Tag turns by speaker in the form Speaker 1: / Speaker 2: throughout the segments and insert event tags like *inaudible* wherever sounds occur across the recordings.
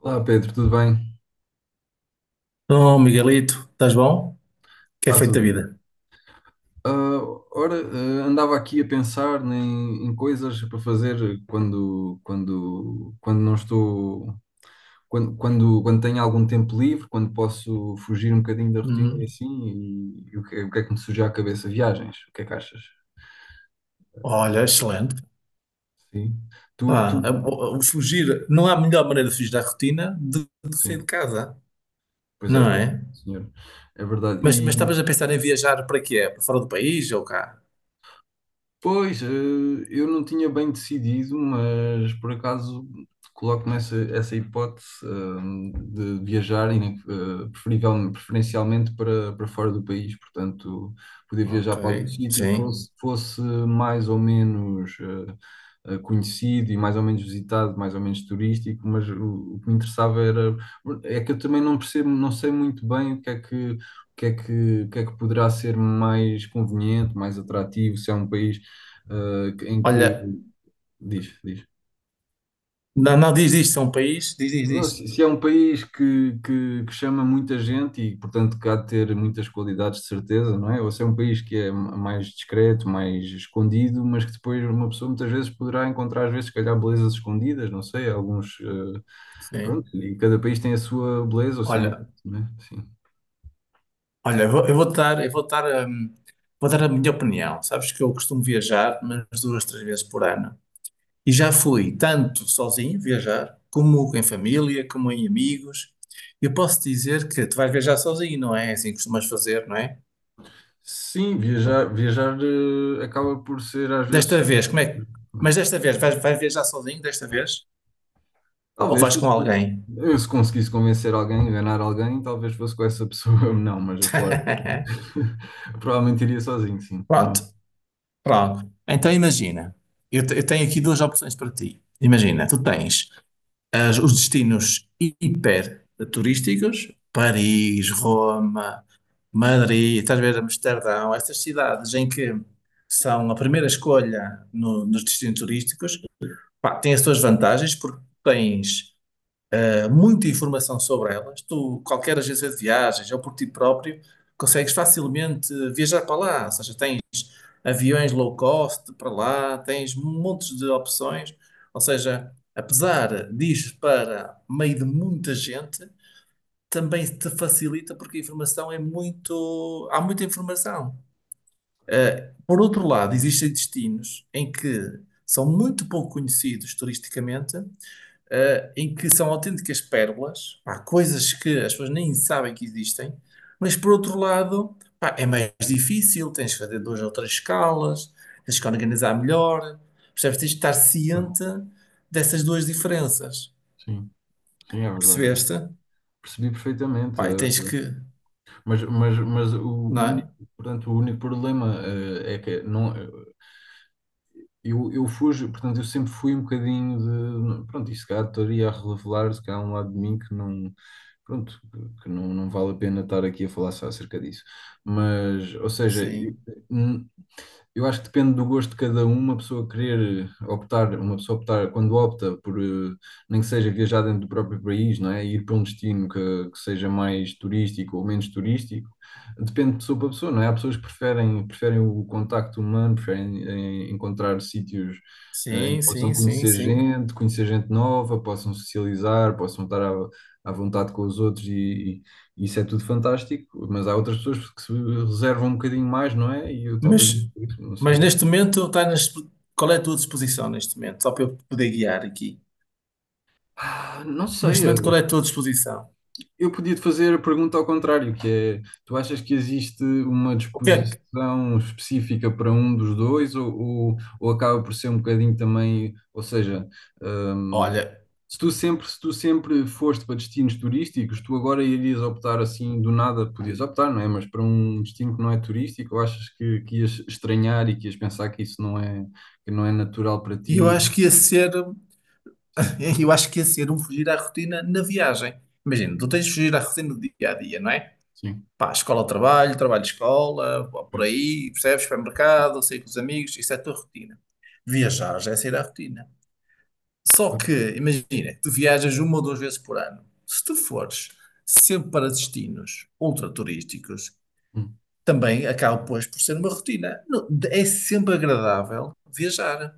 Speaker 1: Olá Pedro, tudo bem?
Speaker 2: Oh, Miguelito, estás bom? Que é
Speaker 1: Está
Speaker 2: feito
Speaker 1: tudo
Speaker 2: da
Speaker 1: bem.
Speaker 2: vida?
Speaker 1: Ah, ora, andava aqui a pensar em coisas para fazer quando não estou, quando tenho algum tempo livre, quando posso fugir um bocadinho da rotina e
Speaker 2: Hum,
Speaker 1: assim, é o que é que me surgiu à cabeça? Viagens, o que é que achas?
Speaker 2: Olha, excelente.
Speaker 1: Sim. Tu,
Speaker 2: Pá,
Speaker 1: tu,
Speaker 2: fugir, não há melhor maneira de fugir da rotina de sair de
Speaker 1: sim,
Speaker 2: casa,
Speaker 1: pois é
Speaker 2: não
Speaker 1: verdade,
Speaker 2: é?
Speaker 1: senhor. É verdade.
Speaker 2: Mas estavas a pensar em viajar para quê? Para fora do país ou cá?
Speaker 1: Pois, eu não tinha bem decidido, mas por acaso coloco-me essa hipótese, de viajar, preferencialmente para fora do país, portanto, poder
Speaker 2: Ok,
Speaker 1: viajar para algum sítio,
Speaker 2: sim.
Speaker 1: fosse mais ou menos conhecido e mais ou menos visitado, mais ou menos turístico, mas o que me interessava era, é que eu também não percebo, não sei muito bem o que é que o que é que, o que é que poderá ser mais conveniente, mais atrativo, se é um país em que
Speaker 2: Olha,
Speaker 1: diz, diz.
Speaker 2: não, não diz isto, é um país, diz, diz,
Speaker 1: Não, se,
Speaker 2: diz.
Speaker 1: se é um país que chama muita gente e, portanto, que há de ter muitas qualidades de certeza, não é? Ou se é um país que é mais discreto, mais escondido, mas que depois uma pessoa muitas vezes poderá encontrar, às vezes, se calhar, belezas escondidas, não sei, alguns. Pronto,
Speaker 2: Sim.
Speaker 1: e cada país tem a sua beleza, o seu
Speaker 2: Olha,
Speaker 1: encanto, não é? Sim.
Speaker 2: olha, eu vou dar a minha opinião. Sabes que eu costumo viajar, mas duas, três vezes por ano. E já fui tanto sozinho viajar, como em família, como em amigos. Eu posso dizer que tu vais viajar sozinho, não é? É assim que costumas fazer, não é?
Speaker 1: Sim, viajar, acaba por ser às vezes.
Speaker 2: Desta vez, como é? Mas desta vez, vais viajar sozinho desta vez? Ou
Speaker 1: Talvez
Speaker 2: vais com
Speaker 1: fosse.
Speaker 2: alguém?
Speaker 1: Eu, se conseguisse convencer alguém, enganar alguém, talvez fosse com essa pessoa. *laughs* Não, mas a falar.
Speaker 2: *laughs*
Speaker 1: *laughs* Provavelmente iria sozinho, sim, também.
Speaker 2: Pronto, pronto. Então imagina, eu tenho aqui duas opções para ti. Imagina, tu tens os destinos hiper turísticos, Paris, Roma, Madrid, estás a ver Amsterdão, estas cidades em que são a primeira escolha nos destinos turísticos, pá, têm as suas vantagens porque tens muita informação sobre elas. Tu, qualquer agência de viagens ou por ti próprio, consegues facilmente viajar para lá, ou seja, tens aviões low cost para lá, tens montes de opções. Ou seja, apesar de para meio de muita gente, também te facilita porque a informação é muito. Há muita informação. Por outro lado, existem destinos em que são muito pouco conhecidos turisticamente, em que são autênticas pérolas, pá, coisas que as pessoas nem sabem que existem, mas por outro lado, pá, é mais difícil, tens que fazer duas ou três escalas, tens que organizar melhor, percebes? Tens que estar
Speaker 1: Bom,
Speaker 2: ciente dessas duas diferenças,
Speaker 1: sim, sim, é verdade.
Speaker 2: percebeste?
Speaker 1: Percebi perfeitamente.
Speaker 2: Pá, e tens que,
Speaker 1: Mas, o
Speaker 2: não
Speaker 1: único,
Speaker 2: é?
Speaker 1: portanto, o único problema, é que não, eu fujo, portanto, eu sempre fui um bocadinho de. Pronto, isso cá estaria a revelar, se calhar, um lado de mim que não. Pronto, que não, não vale a pena estar aqui a falar só acerca disso. Mas, ou seja, eu.
Speaker 2: Sim,
Speaker 1: Eu acho que depende do gosto de cada um, uma pessoa querer optar, uma pessoa optar, quando opta por, nem que seja viajar dentro do próprio país, não é? Ir para um destino que seja mais turístico ou menos turístico, depende de pessoa para pessoa, não é? Há pessoas que preferem o contacto humano, preferem encontrar sítios em
Speaker 2: sim,
Speaker 1: que possam
Speaker 2: sim, sim, sim.
Speaker 1: conhecer gente nova, possam socializar, possam estar à vontade com os outros e, isso é tudo fantástico, mas há outras pessoas que se reservam um bocadinho mais, não é? E eu talvez
Speaker 2: Mas,
Speaker 1: não, não
Speaker 2: mas
Speaker 1: sei.
Speaker 2: neste momento, qual é a tua disposição neste momento? Só para eu poder guiar aqui.
Speaker 1: Ah, não
Speaker 2: Neste
Speaker 1: sei,
Speaker 2: momento, qual é a tua disposição?
Speaker 1: eu podia te fazer a pergunta ao contrário, que é, tu achas que existe uma
Speaker 2: O que é que,
Speaker 1: disposição específica para um dos dois, ou, acaba por ser um bocadinho também, ou seja, hum,
Speaker 2: olha,
Speaker 1: se tu sempre, se tu sempre foste para destinos turísticos, tu agora irias optar assim do nada, podias optar, não é? Mas para um destino que não é turístico, ou achas que ias estranhar e que ias pensar que isso não é, que não é natural para
Speaker 2: E eu
Speaker 1: ti?
Speaker 2: acho que ia ser,
Speaker 1: Sim,
Speaker 2: *laughs* eu acho que ia ser um fugir à rotina na viagem. Imagina, tu tens de fugir à rotina do dia a dia, não é?
Speaker 1: sim,
Speaker 2: Pá, escola, trabalho, trabalho, escola, pá, por
Speaker 1: sim,
Speaker 2: aí, percebes? Supermercado, sair com os amigos, isso é a tua rotina. Viajar já é sair à rotina. Só
Speaker 1: claro.
Speaker 2: que, imagina, tu viajas uma ou duas vezes por ano. Se tu fores sempre para destinos ultra turísticos,
Speaker 1: Hum,
Speaker 2: também acaba, pois, por ser uma rotina. Não, é sempre agradável viajar.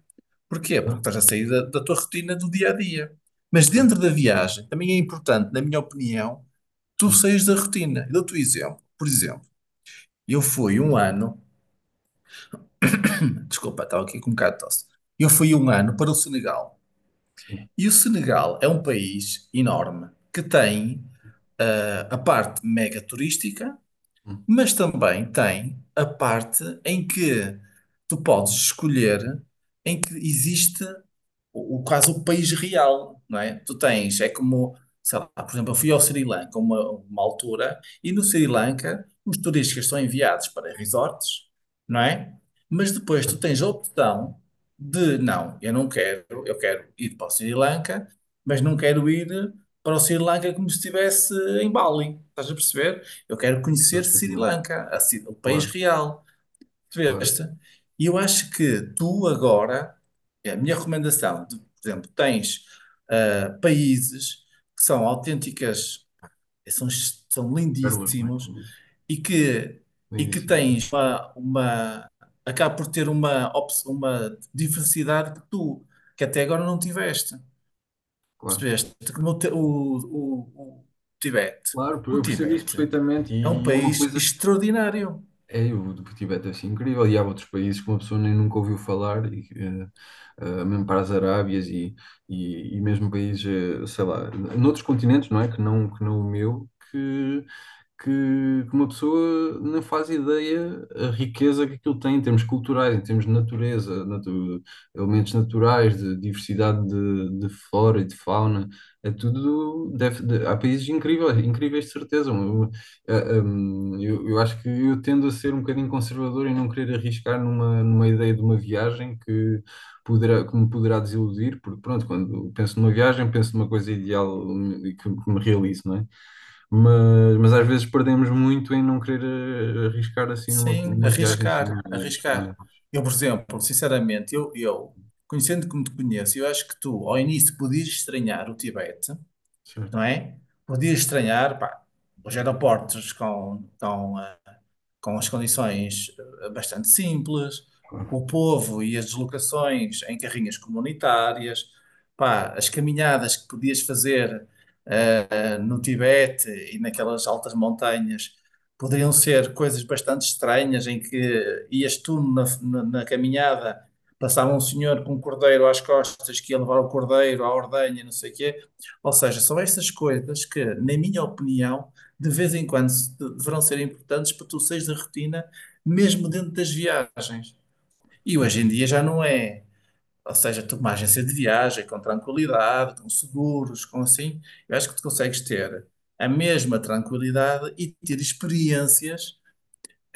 Speaker 2: Porquê? Porque
Speaker 1: claro,
Speaker 2: estás a sair da, da tua rotina do dia a dia. Mas
Speaker 1: sim,
Speaker 2: dentro da viagem, também é importante, na minha opinião, tu
Speaker 1: sim,
Speaker 2: saís da rotina. Eu dou-te um exemplo. Por exemplo, eu fui um ano, desculpa, estava aqui com um bocado de tosse. Eu fui um ano para o Senegal.
Speaker 1: sim.
Speaker 2: E o Senegal é um país enorme que tem, a parte mega turística.
Speaker 1: Hum,
Speaker 2: Mas também tem a parte em que tu podes escolher, em que existe o quase o país real, não é? Tu tens, é como, sei lá, por exemplo, eu fui ao Sri Lanka uma altura e no Sri Lanka os turistas são enviados para resorts, não é? Mas depois tu
Speaker 1: claro,
Speaker 2: tens a opção de, não, eu não quero, eu quero ir para o Sri Lanka, mas não quero ir para o Sri Lanka como se estivesse em Bali, estás a perceber? Eu quero
Speaker 1: percebo
Speaker 2: conhecer Sri
Speaker 1: perfeitamente,
Speaker 2: Lanka, a o país
Speaker 1: claro,
Speaker 2: real.
Speaker 1: claro,
Speaker 2: Percebeste? E eu acho que tu agora, é a minha recomendação, por exemplo, tens ah, países que são autênticas, são, são
Speaker 1: pérolas, não é
Speaker 2: lindíssimos
Speaker 1: como disse,
Speaker 2: e que, e que
Speaker 1: lindíssimas,
Speaker 2: tens uma, acaba por ter uma, uma diversidade que tu, que até agora não tiveste.
Speaker 1: claro.
Speaker 2: Percebeste que no Ti- o Tibete.
Speaker 1: Claro,
Speaker 2: O
Speaker 1: eu percebo isso
Speaker 2: Tibete
Speaker 1: perfeitamente
Speaker 2: é um
Speaker 1: e, é uma
Speaker 2: país
Speaker 1: coisa,
Speaker 2: extraordinário.
Speaker 1: é, o do Tibete deve ser incrível e há outros países que uma pessoa nem nunca ouviu falar e, mesmo para as Arábias e mesmo países, sei lá, noutros continentes, não é? Que não o meu, que uma pessoa não faz ideia a riqueza que aquilo tem em termos culturais, em termos de natureza, elementos naturais, de diversidade de flora e de fauna. É tudo. Há países incríveis, incríveis de certeza. Eu acho que eu tendo a ser um bocadinho conservador e não querer arriscar numa, numa ideia de uma viagem que poderá, que me poderá desiludir, porque pronto, quando penso numa viagem, penso numa coisa ideal, e que me realize, não é? Mas, às vezes perdemos muito em não querer, arriscar assim numa,
Speaker 2: Sim,
Speaker 1: numa viagem assim
Speaker 2: arriscar,
Speaker 1: mais, mais
Speaker 2: arriscar. Eu, por exemplo, sinceramente, eu conhecendo como te conheço, eu acho que tu, ao início, podias estranhar o Tibete, não
Speaker 1: certo,
Speaker 2: é? Podia estranhar, pá, os aeroportos com, com as condições, bastante simples, o povo e as deslocações em carrinhas comunitárias, pá, as caminhadas que podias fazer no Tibete e naquelas altas montanhas poderiam ser coisas bastante estranhas em que ias tu na, na caminhada, passava um senhor com um cordeiro às costas que ia levar o cordeiro à ordenha, não sei o quê. Ou seja, são estas coisas que, na minha opinião, de vez em quando deverão ser importantes para tu saís da rotina, mesmo dentro das viagens. E
Speaker 1: sim.
Speaker 2: hoje em dia já não é. Ou seja, tu com uma agência de viagem, com tranquilidade, com seguros, com assim, eu acho que tu consegues ter a mesma tranquilidade e ter experiências,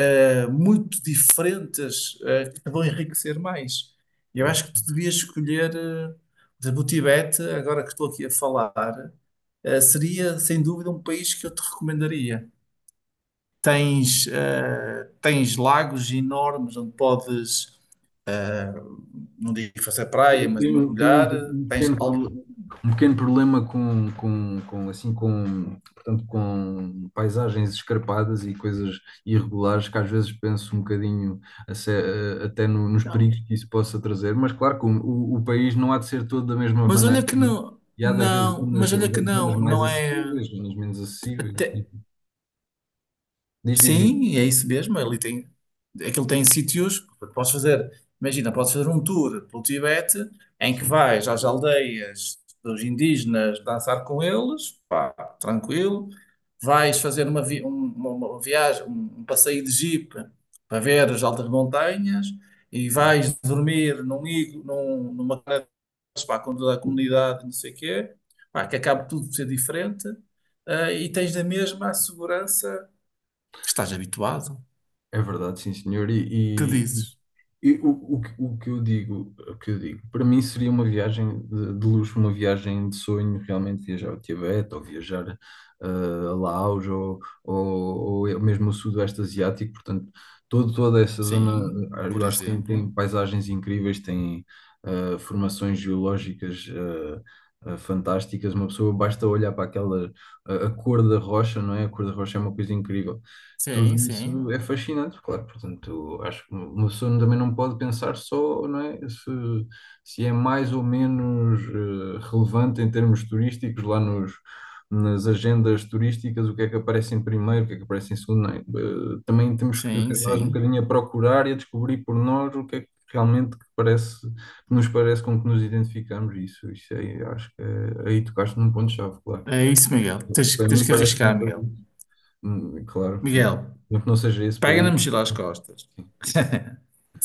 Speaker 2: muito diferentes, que te vão enriquecer mais. Eu
Speaker 1: Claro.
Speaker 2: acho que tu devias escolher, por exemplo, o Tibete, agora que estou aqui a falar, seria sem dúvida um país que eu te recomendaria. Tens, tens lagos enormes onde podes, não digo fazer
Speaker 1: Eu
Speaker 2: praia, mas
Speaker 1: tenho, tenho
Speaker 2: mergulhar,
Speaker 1: um, um
Speaker 2: tens
Speaker 1: pequeno, pro- um pequeno problema assim, com, portanto, com paisagens escarpadas e coisas irregulares que às vezes penso um bocadinho a se- a- até nos perigos que isso possa trazer, mas claro que o país não há de ser todo da mesma
Speaker 2: mas
Speaker 1: maneira,
Speaker 2: olha que
Speaker 1: não é?
Speaker 2: não,
Speaker 1: E há de haver
Speaker 2: não,
Speaker 1: zonas,
Speaker 2: mas olha que
Speaker 1: zonas
Speaker 2: não,
Speaker 1: mais
Speaker 2: não é.
Speaker 1: acessíveis, zonas menos acessíveis.
Speaker 2: até-
Speaker 1: Diz, diz, diz.
Speaker 2: sim, é isso mesmo. Ele tem, aquilo tem sítios que podes fazer. Imagina, podes fazer um tour pelo Tibete em que vais às aldeias dos indígenas dançar com eles, pá, tranquilo. Vais fazer uma, uma viagem, um passeio de jeep para ver as altas montanhas e vais dormir num, num, numa para com toda a conta da comunidade, não sei o quê, pá, que acaba tudo por ser diferente, ah, e tens da mesma a segurança que estás habituado,
Speaker 1: É verdade, sim, senhor.
Speaker 2: que
Speaker 1: E.
Speaker 2: dizes,
Speaker 1: E o, o que eu digo, para mim seria uma viagem de luxo, uma viagem de sonho, realmente viajar ao Tibete ou viajar, eh, a Laos, ou mesmo o Sudoeste Asiático, portanto, todo, toda essa zona,
Speaker 2: sim, por
Speaker 1: eu acho que tem
Speaker 2: exemplo,
Speaker 1: paisagens incríveis, tem formações geológicas fantásticas, uma pessoa basta olhar para a cor da rocha, não é? A cor da rocha é uma coisa incrível. Tudo
Speaker 2: sim,
Speaker 1: isso
Speaker 2: sim,
Speaker 1: é fascinante, claro. Portanto, acho que uma pessoa também não pode pensar só, não é, se é mais ou menos relevante em termos turísticos lá nas agendas turísticas, o que é que aparece em primeiro, o que é que aparece em segundo. Não é? Também temos que
Speaker 2: sim,
Speaker 1: nós um
Speaker 2: sim.
Speaker 1: bocadinho a procurar e a descobrir por nós o que é que realmente que parece, que nos parece com que nos identificamos. Isso aí, acho que é, aí tocaste num ponto-chave, claro.
Speaker 2: É isso, Miguel. Tens,
Speaker 1: Para
Speaker 2: tens
Speaker 1: mim
Speaker 2: que
Speaker 1: parece
Speaker 2: arriscar,
Speaker 1: muito.
Speaker 2: Miguel.
Speaker 1: Claro, tenho
Speaker 2: Miguel,
Speaker 1: razão. Não que não seja esse
Speaker 2: pega na
Speaker 1: país.
Speaker 2: mochila às costas.
Speaker 1: Sim,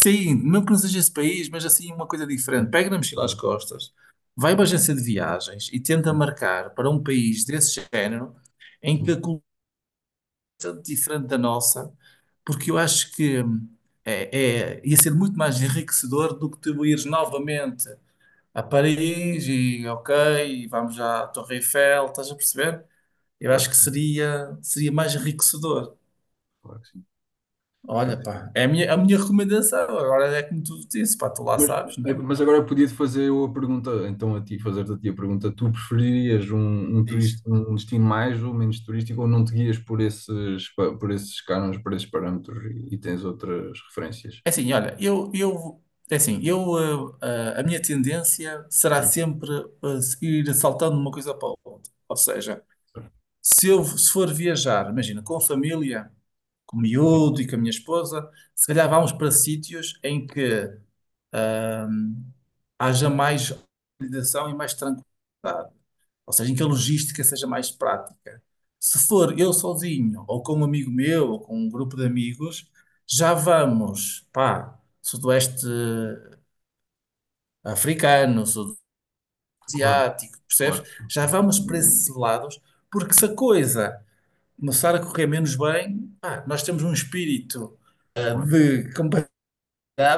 Speaker 2: Sim, mesmo que não seja esse país, mas assim uma coisa diferente.
Speaker 1: sim,
Speaker 2: Pega na mochila às
Speaker 1: claro,
Speaker 2: costas, vai para a agência de viagens e tenta
Speaker 1: sim,
Speaker 2: marcar para um país desse género em que
Speaker 1: sim,
Speaker 2: a cultura é diferente da nossa porque eu acho que ia ser muito mais enriquecedor do que tu ires novamente a Paris e ok, vamos à Torre Eiffel, estás a perceber? Eu
Speaker 1: claro
Speaker 2: acho
Speaker 1: que
Speaker 2: que
Speaker 1: sim,
Speaker 2: seria, seria mais enriquecedor.
Speaker 1: claro que sim,
Speaker 2: Olha,
Speaker 1: claro que sim.
Speaker 2: pá, é a minha recomendação. Agora é como tu disse, pá, tu lá
Speaker 1: Mas,
Speaker 2: sabes,
Speaker 1: eh,
Speaker 2: né?
Speaker 1: mas agora podia-te fazer eu a pergunta, então a ti, fazer-te a ti a pergunta, tu preferirias
Speaker 2: Diz.
Speaker 1: um destino mais ou menos turístico, ou não te guias por esses, por esses cânones, por esses parâmetros e tens outras referências?
Speaker 2: É assim, olha, é assim, eu, a minha tendência será
Speaker 1: Sim,
Speaker 2: sempre, ir saltando de uma coisa para outra. Ou seja, se for viajar, imagina, com a família, com o
Speaker 1: sim,
Speaker 2: miúdo e com a minha esposa, se calhar vamos para sítios em que ahm, haja mais organização e mais tranquilidade, ou seja, em que a logística seja mais prática. Se for eu sozinho, ou com um amigo meu, ou com um grupo de amigos, já vamos, pá, Sudoeste africano, Sudoeste
Speaker 1: claro,
Speaker 2: asiático, percebes?
Speaker 1: claro,
Speaker 2: Já vamos para esses lados, porque se a coisa começar a correr menos bem, pá, nós temos um espírito
Speaker 1: claro,
Speaker 2: de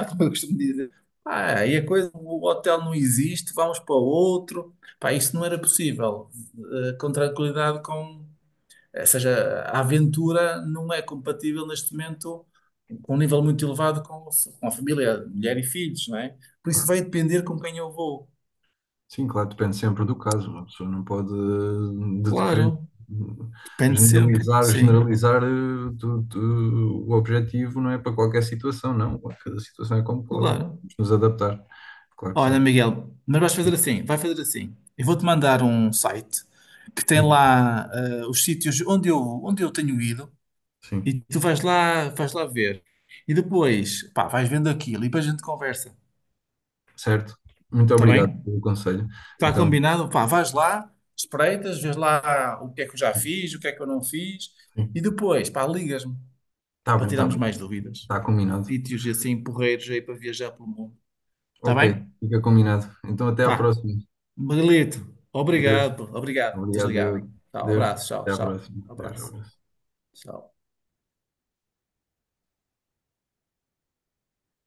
Speaker 2: como eu costumo dizer. Ah, e a coisa, o hotel não existe, vamos para outro. Pá, isso não era possível. Com tranquilidade, com. Ou seja, a aventura não é compatível neste momento com um nível muito elevado, com a família, mulher e filhos, não é? Por isso
Speaker 1: claro.
Speaker 2: vai depender com quem eu vou.
Speaker 1: Sim, claro, depende sempre do caso. Uma pessoa não pode, querer
Speaker 2: Claro, depende sempre, sim,
Speaker 1: o objetivo não é para qualquer situação, não. Cada situação é como qual. Vamos
Speaker 2: claro.
Speaker 1: nos adaptar. Claro que
Speaker 2: Olha,
Speaker 1: sim.
Speaker 2: Miguel, mas vais fazer assim, vai fazer assim. Eu vou-te mandar um site que tem
Speaker 1: E-
Speaker 2: lá, os sítios onde eu tenho ido.
Speaker 1: Sim,
Speaker 2: E tu vais lá ver. E depois, pá, vais vendo aquilo e depois a gente conversa.
Speaker 1: certo. Muito
Speaker 2: Está
Speaker 1: obrigado
Speaker 2: bem?
Speaker 1: pelo conselho.
Speaker 2: Está
Speaker 1: Então,
Speaker 2: combinado? Pá, vais lá, espreitas, vês lá o que é que eu já
Speaker 1: sim,
Speaker 2: fiz, o que é que eu não fiz. E
Speaker 1: sim.
Speaker 2: depois, pá, ligas-me
Speaker 1: Está
Speaker 2: para
Speaker 1: bem, está
Speaker 2: tirarmos
Speaker 1: bem.
Speaker 2: mais dúvidas.
Speaker 1: Está combinado.
Speaker 2: Sítios e assim, porreiros aí para viajar pelo mundo. Está
Speaker 1: Ok,
Speaker 2: bem?
Speaker 1: fica combinado. Então, até à
Speaker 2: Pá,
Speaker 1: próxima.
Speaker 2: Miguelito,
Speaker 1: Deus.
Speaker 2: obrigado, pô, obrigado.
Speaker 1: Obrigado,
Speaker 2: Desligado.
Speaker 1: eu.
Speaker 2: Tchau,
Speaker 1: Deus.
Speaker 2: abraço, tchau,
Speaker 1: Até à
Speaker 2: tchau.
Speaker 1: próxima. Deus,
Speaker 2: Abraço,
Speaker 1: abraço.
Speaker 2: tchau.